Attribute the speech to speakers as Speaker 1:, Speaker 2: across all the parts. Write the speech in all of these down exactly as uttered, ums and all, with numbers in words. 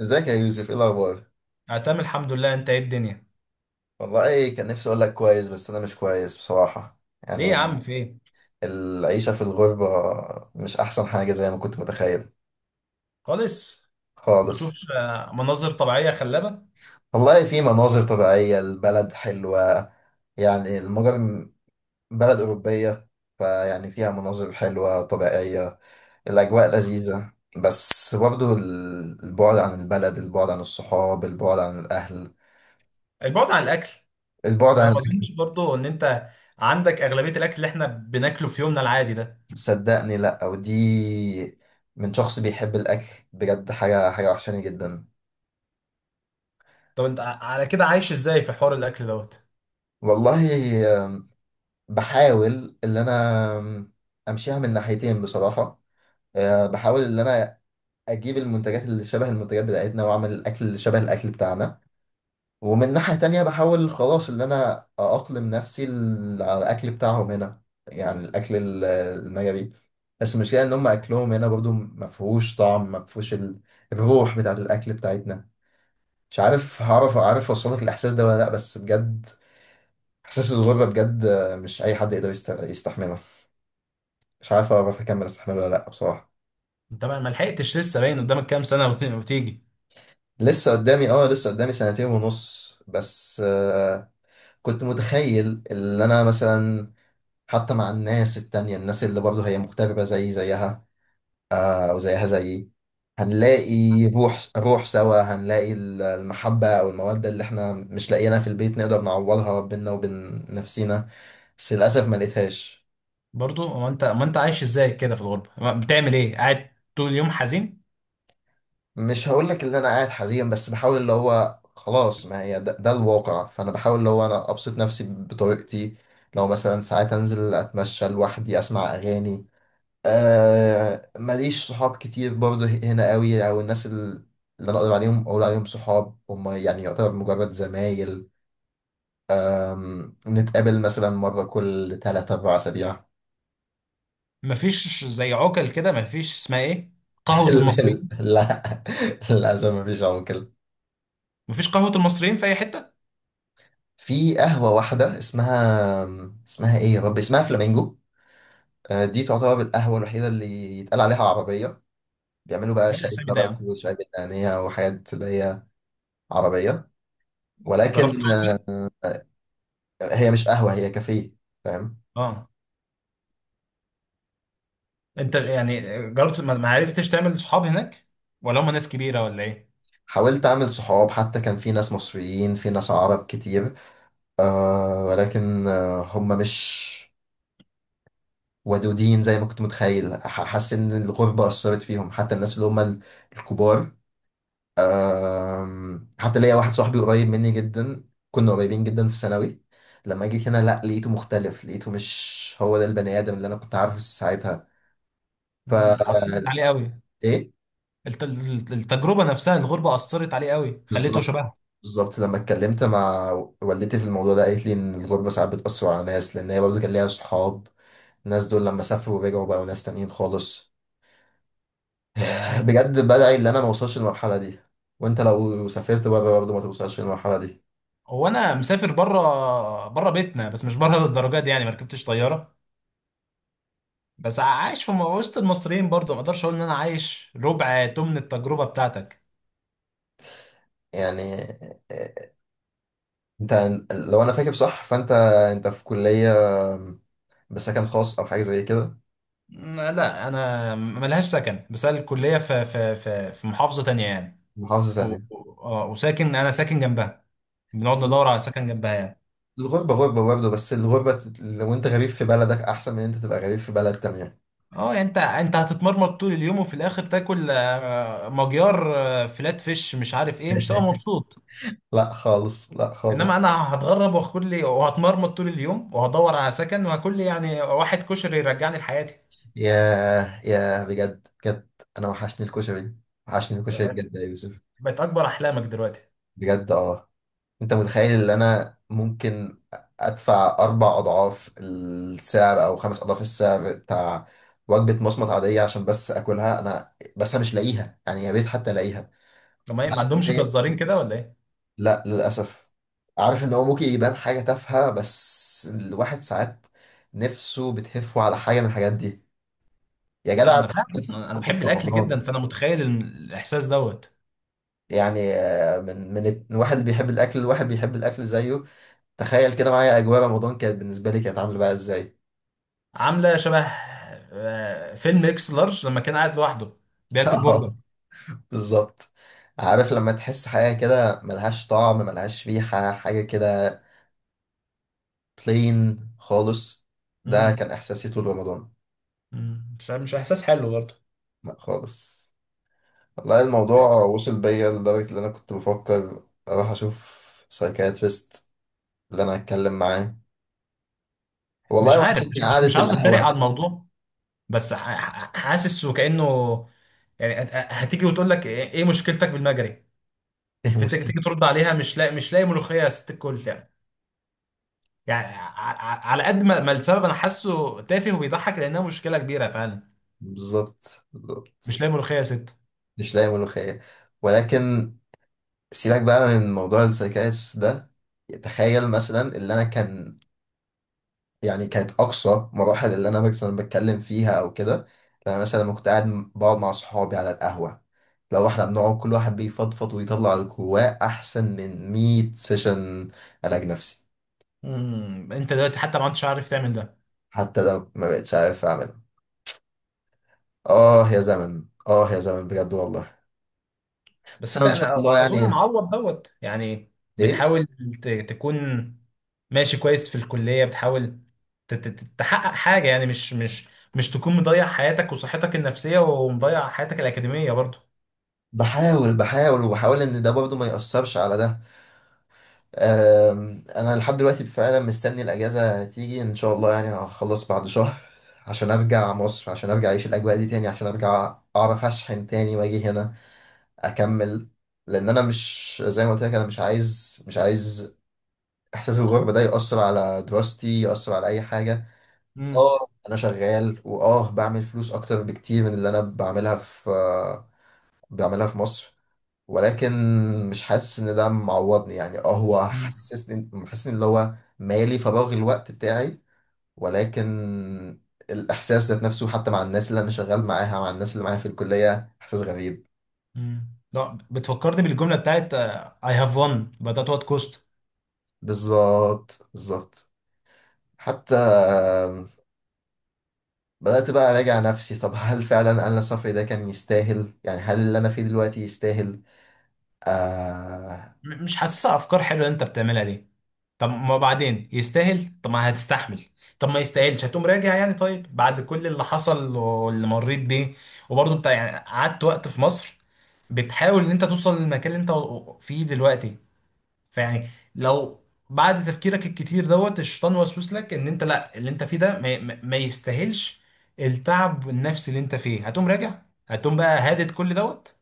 Speaker 1: ازيك يا يوسف؟ ايه الاخبار؟
Speaker 2: أنا تمام الحمد لله، أنت إيه الدنيا؟
Speaker 1: والله كان نفسي اقول لك كويس، بس انا مش كويس بصراحة.
Speaker 2: ليه
Speaker 1: يعني
Speaker 2: يا عم
Speaker 1: ال-
Speaker 2: في إيه؟
Speaker 1: العيشة في الغربة مش احسن حاجة زي ما كنت متخيل.
Speaker 2: خالص. ما
Speaker 1: خالص.
Speaker 2: بتشوفش، آه، مناظر طبيعية خلابة؟
Speaker 1: والله في مناظر طبيعية، البلد حلوة. يعني المجر بلد أوروبية، فيعني فيها مناظر حلوة طبيعية. الأجواء لذيذة، بس برضه ال- البعد عن البلد، البعد عن الصحاب، البعد عن الأهل.
Speaker 2: البعد عن الأكل.
Speaker 1: البعد
Speaker 2: أنا
Speaker 1: عن
Speaker 2: ما
Speaker 1: الأكل.
Speaker 2: أظنش برضه إن أنت عندك أغلبية الأكل اللي إحنا بناكله في يومنا العادي ده.
Speaker 1: صدقني لا، ودي من شخص بيحب الاكل، بجد حاجه حاجه وحشاني جدا.
Speaker 2: طب أنت ع- على كده عايش إزاي في حوار الأكل دوت؟
Speaker 1: والله بحاول ان انا امشيها من ناحيتين بصراحه. آه، بحاول ان انا اجيب المنتجات اللي شبه المنتجات بتاعتنا، واعمل الاكل اللي شبه الاكل بتاعنا. ومن ناحيه تانية بحاول خلاص ان انا اأقلم نفسي ال- على الاكل بتاعهم هنا. يعني الاكل ال- المجري. بس المشكله ان هم اكلهم هنا برضو مفهوش طعم، مفهوش ال- الروح بتاعت الاكل بتاعتنا. مش عارف هعرف عارف اوصلك الاحساس ده ولا لا، بس بجد احساس الغربه بجد، آه، مش اي حد يقدر يست- يستحمله. مش عارف اعرف اكمل استحمله ولا لا بصراحه.
Speaker 2: أنت ما ما لحقتش لسه، باين قدامك كام سنة وت- وتيجي.
Speaker 1: لسه قدامي، اه لسه قدامي سنتين ونص بس. آه، كنت متخيل ان انا مثلا، حتى مع الناس التانية، الناس اللي برضه هي مغتربة زي زيها، آه، أو زيها زيي، هنلاقي روح روح سوا، هنلاقي ال- المحبة أو المودة اللي احنا مش لاقيينها في البيت، نقدر نعوضها بينا وبين نفسينا. بس للأسف ما لقيتهاش.
Speaker 2: برضه هو أنت، ما أنت عايش إزاي كده في الغربة؟ ما- بتعمل إيه؟ قاعد طول اليوم حزين؟
Speaker 1: مش هقول لك ان انا قاعد حزين، بس بحاول اللي هو خلاص، ما هي ده, ده الواقع، فانا بحاول اللي هو انا ابسط نفسي بطريقتي. لو مثلا ساعات انزل اتمشى لوحدي، اسمع اغاني. آه، ماليش صحاب كتير برضه هنا قوي، او الناس ال- اللي انا اقدر عليهم اقول عليهم صحاب، هم يعني يعتبر مجرد زمايل. أم، نتقابل مثلا مرة كل ثلاثة أربعة اسابيع.
Speaker 2: مفيش زي عقل كده، مفيش اسمها إيه؟ قهوة المصريين.
Speaker 1: لا، للاسف مفيش عمر.
Speaker 2: مفيش قهوة المصريين في أي حتة؟
Speaker 1: في قهوة واحدة اسمها، اسمها ايه يا رب، اسمها فلامينجو. آه، دي تعتبر القهوة الوحيدة اللي يتقال عليها عربية. بيعملوا بقى
Speaker 2: إيه
Speaker 1: شاي
Speaker 2: الأسامي ده يا
Speaker 1: كرك
Speaker 2: عم؟
Speaker 1: وشاي بالنعناع وحاجات اللي هي عربية،
Speaker 2: جربت.
Speaker 1: ولكن آه، هي مش قهوة، هي كافيه. فاهم.
Speaker 2: اه، انت يعني جربت ما ما عرفتش تعمل صحاب هناك، ولا هم ناس كبيره، ولا ايه؟
Speaker 1: حاولت أعمل صحاب، حتى كان في ناس مصريين، في ناس عرب كتير، آه، ولكن آه هم مش ودودين زي ما كنت متخيل. ح- حاسس إن الغربة أثرت فيهم، حتى الناس اللي هم ال- الكبار. أم، حتى ليا واحد صاحبي قريب مني جدا، كنا قريبين جدا في ثانوي. لما جيت هنا لا، لقيته مختلف، لقيته مش هو ده البني آدم اللي انا كنت عارفه ساعتها. ف
Speaker 2: امم اثرت عليه قوي.
Speaker 1: ايه.
Speaker 2: الت- الت- التجربه نفسها، الغربه اثرت عليه قوي، خليته
Speaker 1: بالظبط،
Speaker 2: شبهها.
Speaker 1: بالظبط. لما اتكلمت مع والدتي في الموضوع ده، قالت لي ان الغربة ساعات بتأثر على ناس، لان هي برضه كان ليها صحاب، الناس دول لما سافروا ورجعوا بقوا ناس تانيين خالص.
Speaker 2: مم.
Speaker 1: بجد بدعي ان انا ما اوصلش للمرحلة دي. وانت لو سافرت بره برضه ما توصلش للمرحلة دي.
Speaker 2: هو انا مسافر بره، بره بيتنا، بس مش بره للدرجه دي يعني، ما ركبتش طياره. بس عايش في م- وسط المصريين برضو، ما اقدرش اقول ان انا عايش ربع تمن التجربه بتاعتك.
Speaker 1: يعني انت، لو انا فاكر صح فانت، انت في كلية بسكن خاص او حاجة زي كده.
Speaker 2: مم، لا انا ملهاش سكن، بس أنا الكليه في في في في محافظه تانية يعني.
Speaker 1: محافظة
Speaker 2: و...
Speaker 1: ثانية.
Speaker 2: و- اه وساكن انا ساكن جنبها. بنقعد ندور على سكن جنبها يعني.
Speaker 1: الغربة غربة برضه، بس الغربة لو انت غريب في بلدك احسن من انت تبقى غريب في بلد تانية.
Speaker 2: اه يعني انت انت هتتمرمط طول اليوم، وفي الاخر تاكل آه، مجيار، آه، فلات فيش، مش عارف ايه، مش هتبقى مبسوط.
Speaker 1: لا خالص، لا
Speaker 2: انما
Speaker 1: خالص.
Speaker 2: انا هتغرب وهاكل لي، وهتمرمط طول اليوم وهدور على سكن وهاكل لي يعني واحد كشري يرجعني لحياتي.
Speaker 1: ياه، ياه، بجد بجد، انا وحشني الكشري، وحشني الكشري
Speaker 2: بقت
Speaker 1: بجد يا يوسف.
Speaker 2: بقت اكبر احلامك دلوقتي.
Speaker 1: بجد اه. انت متخيل ان انا ممكن ادفع اربع اضعاف السعر او خمس اضعاف السعر بتاع وجبه مصمت عاديه عشان بس اكلها، انا بس انا مش لاقيها، يعني يا ريت حتى الاقيها.
Speaker 2: لما ما إيه،
Speaker 1: انا
Speaker 2: ما
Speaker 1: عارف إن
Speaker 2: عندهمش
Speaker 1: هي-
Speaker 2: جزارين كده ولا ايه؟
Speaker 1: لا للاسف. عارف ان هو ممكن يبان حاجه تافهه، بس الواحد ساعات نفسه بتهفه على حاجه من الحاجات دي. يا جدع،
Speaker 2: انا
Speaker 1: ده حتى
Speaker 2: فاهم،
Speaker 1: في،
Speaker 2: انا
Speaker 1: حتى
Speaker 2: بحب
Speaker 1: في
Speaker 2: الاكل جدا،
Speaker 1: رمضان.
Speaker 2: فانا متخيل الم- الاحساس دوت.
Speaker 1: يعني آه، من من الت- الواحد اللي بيحب الاكل، الواحد بيحب الاكل زيه، تخيل كده معايا اجواء رمضان كانت بالنسبه لي، كانت عامله بقى ازاي.
Speaker 2: عامله شبه آه، فيلم اكس لارج، لما كان قاعد لوحده بياكل برجر.
Speaker 1: اه، بالظبط. عارف لما تحس حاجة كده ملهاش طعم، ملهاش ريحة، حاجة كده بلين خالص. ده كان
Speaker 2: امم
Speaker 1: إحساسي طول رمضان.
Speaker 2: امم مش مش احساس حلو برضه.
Speaker 1: لا خالص. والله الموضوع وصل بيا لدرجة إن أنا كنت بفكر أروح أشوف سايكاتريست اللي أنا أتكلم معاه.
Speaker 2: مش
Speaker 1: والله
Speaker 2: عارف، مش,
Speaker 1: وحشتني
Speaker 2: مش
Speaker 1: قعدة
Speaker 2: مش عاوز اتريق على
Speaker 1: القهوة.
Speaker 2: الموضوع، بس ح- ح- حاسس وكانه يعني هت- هتيجي وتقول لك ايه إيه مشكلتك بالمجري،
Speaker 1: إيه
Speaker 2: فانت
Speaker 1: المشكلة؟
Speaker 2: تيجي ترد عليها، مش لاقي مش لاقي ملوخيه يا ست الكل يعني. يعني ع- ع- على قد ما ما السبب انا حاسه تافه وبيضحك، لانها مشكله كبيره فعلا.
Speaker 1: بالظبط، بالظبط.
Speaker 2: مش لاقي ملوخيه يا ست.
Speaker 1: مش لاقي ملوخية. ولكن سيبك بقى من موضوع السايكاتريست ده. تخيل مثلا اللي أنا كان، يعني كانت أقصى مراحل اللي أنا مثلا بتكلم فيها أو كده، أنا مثلا لما كنت قاعد بقعد مع صحابي على القهوة، لو احنا بنقعد كل واحد بيفضفض ويطلع اللي جواه، أحسن من مية سيشن علاج نفسي.
Speaker 2: امم مم، انت دلوقتي حتى ما عدتش عارف تعمل ده.
Speaker 1: حتى لو ما بقتش عارف أعملها. آه يا زمن، آه يا زمن، بجد والله. بس
Speaker 2: بس
Speaker 1: أنا
Speaker 2: انت
Speaker 1: إن شاء
Speaker 2: انا
Speaker 1: الله
Speaker 2: اظن
Speaker 1: يعني.
Speaker 2: معوض دوت يعني.
Speaker 1: إيه.
Speaker 2: بتحاول ت- تكون ماشي كويس في الكليه، بتحاول ت- ت- ت- تحقق حاجه يعني، مش مش مش تكون مضيع حياتك وصحتك النفسيه، ومضيع حياتك الاكاديميه برضو.
Speaker 1: بحاول، بحاول وبحاول إن ده برضه ما يأثرش على ده. أم، انا لحد دلوقتي فعلا مستني الاجازه تيجي ان شاء الله، يعني هخلص بعد شهر، عشان ارجع مصر، عشان ارجع اعيش الاجواء دي تاني، عشان ارجع اعرف اشحن تاني واجي هنا اكمل. لان انا مش، زي ما قلت لك انا مش عايز مش عايز احساس الغربه ده ياثر على دراستي، ياثر على اي حاجه.
Speaker 2: امم
Speaker 1: اه انا شغال، واه بعمل فلوس اكتر بكتير من اللي انا بعملها في بعملها في مصر. ولكن مش حاسس ان ده معوضني، يعني اه هو
Speaker 2: مم.
Speaker 1: حسسني محسسني اللي هو مالي فراغ الوقت بتاعي. ولكن الاحساس ذات نفسه حتى مع الناس اللي انا شغال معاها، مع الناس اللي معايا في الكليه، احساس غريب.
Speaker 2: مم. لا، بتفكرني بالجمله بتاعت اي هاف وان بدات وات كوست.
Speaker 1: بالظبط، بالظبط. حتى بدات بقى اراجع نفسي، طب هل فعلا انا سفري ده كان يستاهل؟ يعني هل اللي انا فيه دلوقتي يستاهل؟ آه.
Speaker 2: مش حاسسها افكار حلوه اللي انت بتعملها دي. طب ما بعدين يستاهل، طب ما هتستحمل. طب ما يستاهلش هتقوم راجع يعني؟ طيب بعد كل اللي حصل واللي مريت بيه، وبرضه انت يعني قعدت وقت في مصر بتحاول ان انت توصل للمكان اللي انت فيه دلوقتي. فيعني، لو بعد تفكيرك الكتير دوت الشيطان وسوس لك ان انت لا، اللي انت فيه ده ما, ما ما يستاهلش التعب النفسي اللي انت فيه، هتقوم راجع؟ هتقوم بقى هادد كل دوت؟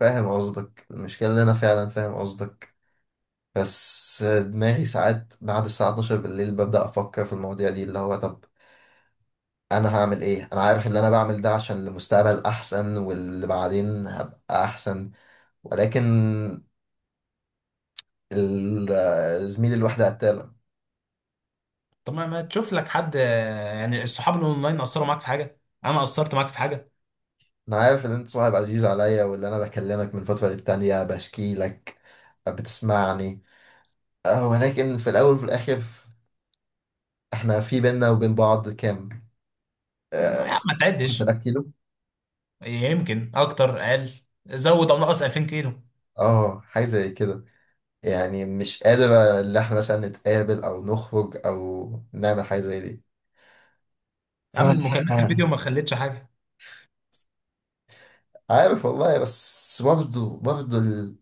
Speaker 1: فاهم قصدك، المشكله ان انا فعلا فاهم قصدك. بس دماغي ساعات بعد الساعة اتناشر بالليل ببدأ أفكر في المواضيع دي، اللي هو طب أنا هعمل إيه؟ أنا عارف إن أنا بعمل ده عشان المستقبل أحسن، واللي بعدين هبقى أحسن. ولكن ال- زميلي الوحدة قتالة.
Speaker 2: طب ما ما تشوف لك حد، آه، يعني الصحاب الاونلاين اثروا معاك في حاجه؟ انا اثرت معاك في حاجه؟
Speaker 1: أنا عارف إن أنت صاحب عزيز عليا، واللي أنا بكلمك من فترة للتانية بشكي لك، بتسمعني. أه، ولكن في الأول وفي الآخر، إحنا في بينا وبين بعض كام؟ آه،
Speaker 2: يا عم ما تعدش.
Speaker 1: عشر تلاف كيلو؟
Speaker 2: يمكن اكتر، اقل، زود او نقص ألفين كيلو.
Speaker 1: آه حاجة زي كده. يعني مش قادر اللي احنا مثلا نتقابل او نخرج او نعمل حاجة زي دي. ف
Speaker 2: يا عم المكالمات الفيديو ما خلتش حاجه.
Speaker 1: عارف والله، بس برضه برضه ال-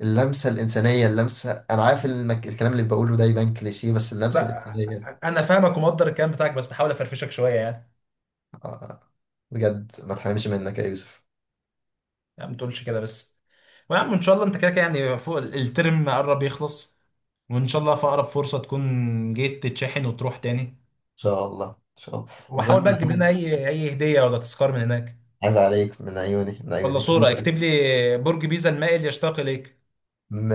Speaker 1: اللمسة الإنسانية، اللمسة، أنا عارف إن المك... الكلام اللي بقوله ده يبان كليشيه، بس اللمسة
Speaker 2: لا،
Speaker 1: الإنسانية.
Speaker 2: انا فاهمك ومقدر الكلام بتاعك، بس بحاول افرفشك شويه يعني.
Speaker 1: آه، بجد ما تحرمش منك يا يوسف.
Speaker 2: يا عم ما تقولش كده بس. ويا عم ان شاء الله انت كده كده يعني فوق، ال- الترم قرب يخلص، وان شاء الله في اقرب فرصه تكون جيت تتشحن وتروح تاني.
Speaker 1: إن شاء الله، إن شاء الله
Speaker 2: وحاول بقى تجيب لنا
Speaker 1: المهم.
Speaker 2: اي اي هديه ولا تذكار من هناك،
Speaker 1: عيب عليك، من عيوني، من
Speaker 2: ولا
Speaker 1: عيوني، قول
Speaker 2: صوره
Speaker 1: لي
Speaker 2: اكتب
Speaker 1: بس.
Speaker 2: لي برج بيزا المائل يشتاق اليك.
Speaker 1: م...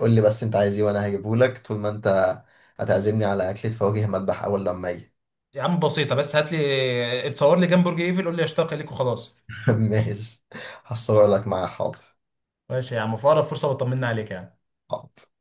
Speaker 1: قول لي بس أنت عايز إيه وأنا هجيبه لك، طول ما أنت هتعزمني على أكلة فواكه مذبح أول لما أجي.
Speaker 2: يا عم بسيطه، بس هات لي اتصور لي جنب برج ايفل، قول لي يشتاق اليك وخلاص.
Speaker 1: ماشي، هصور لك معايا، حاضر.
Speaker 2: ماشي يا عم، في اقرب فرصه بطمنا عليك يعني.
Speaker 1: حاضر.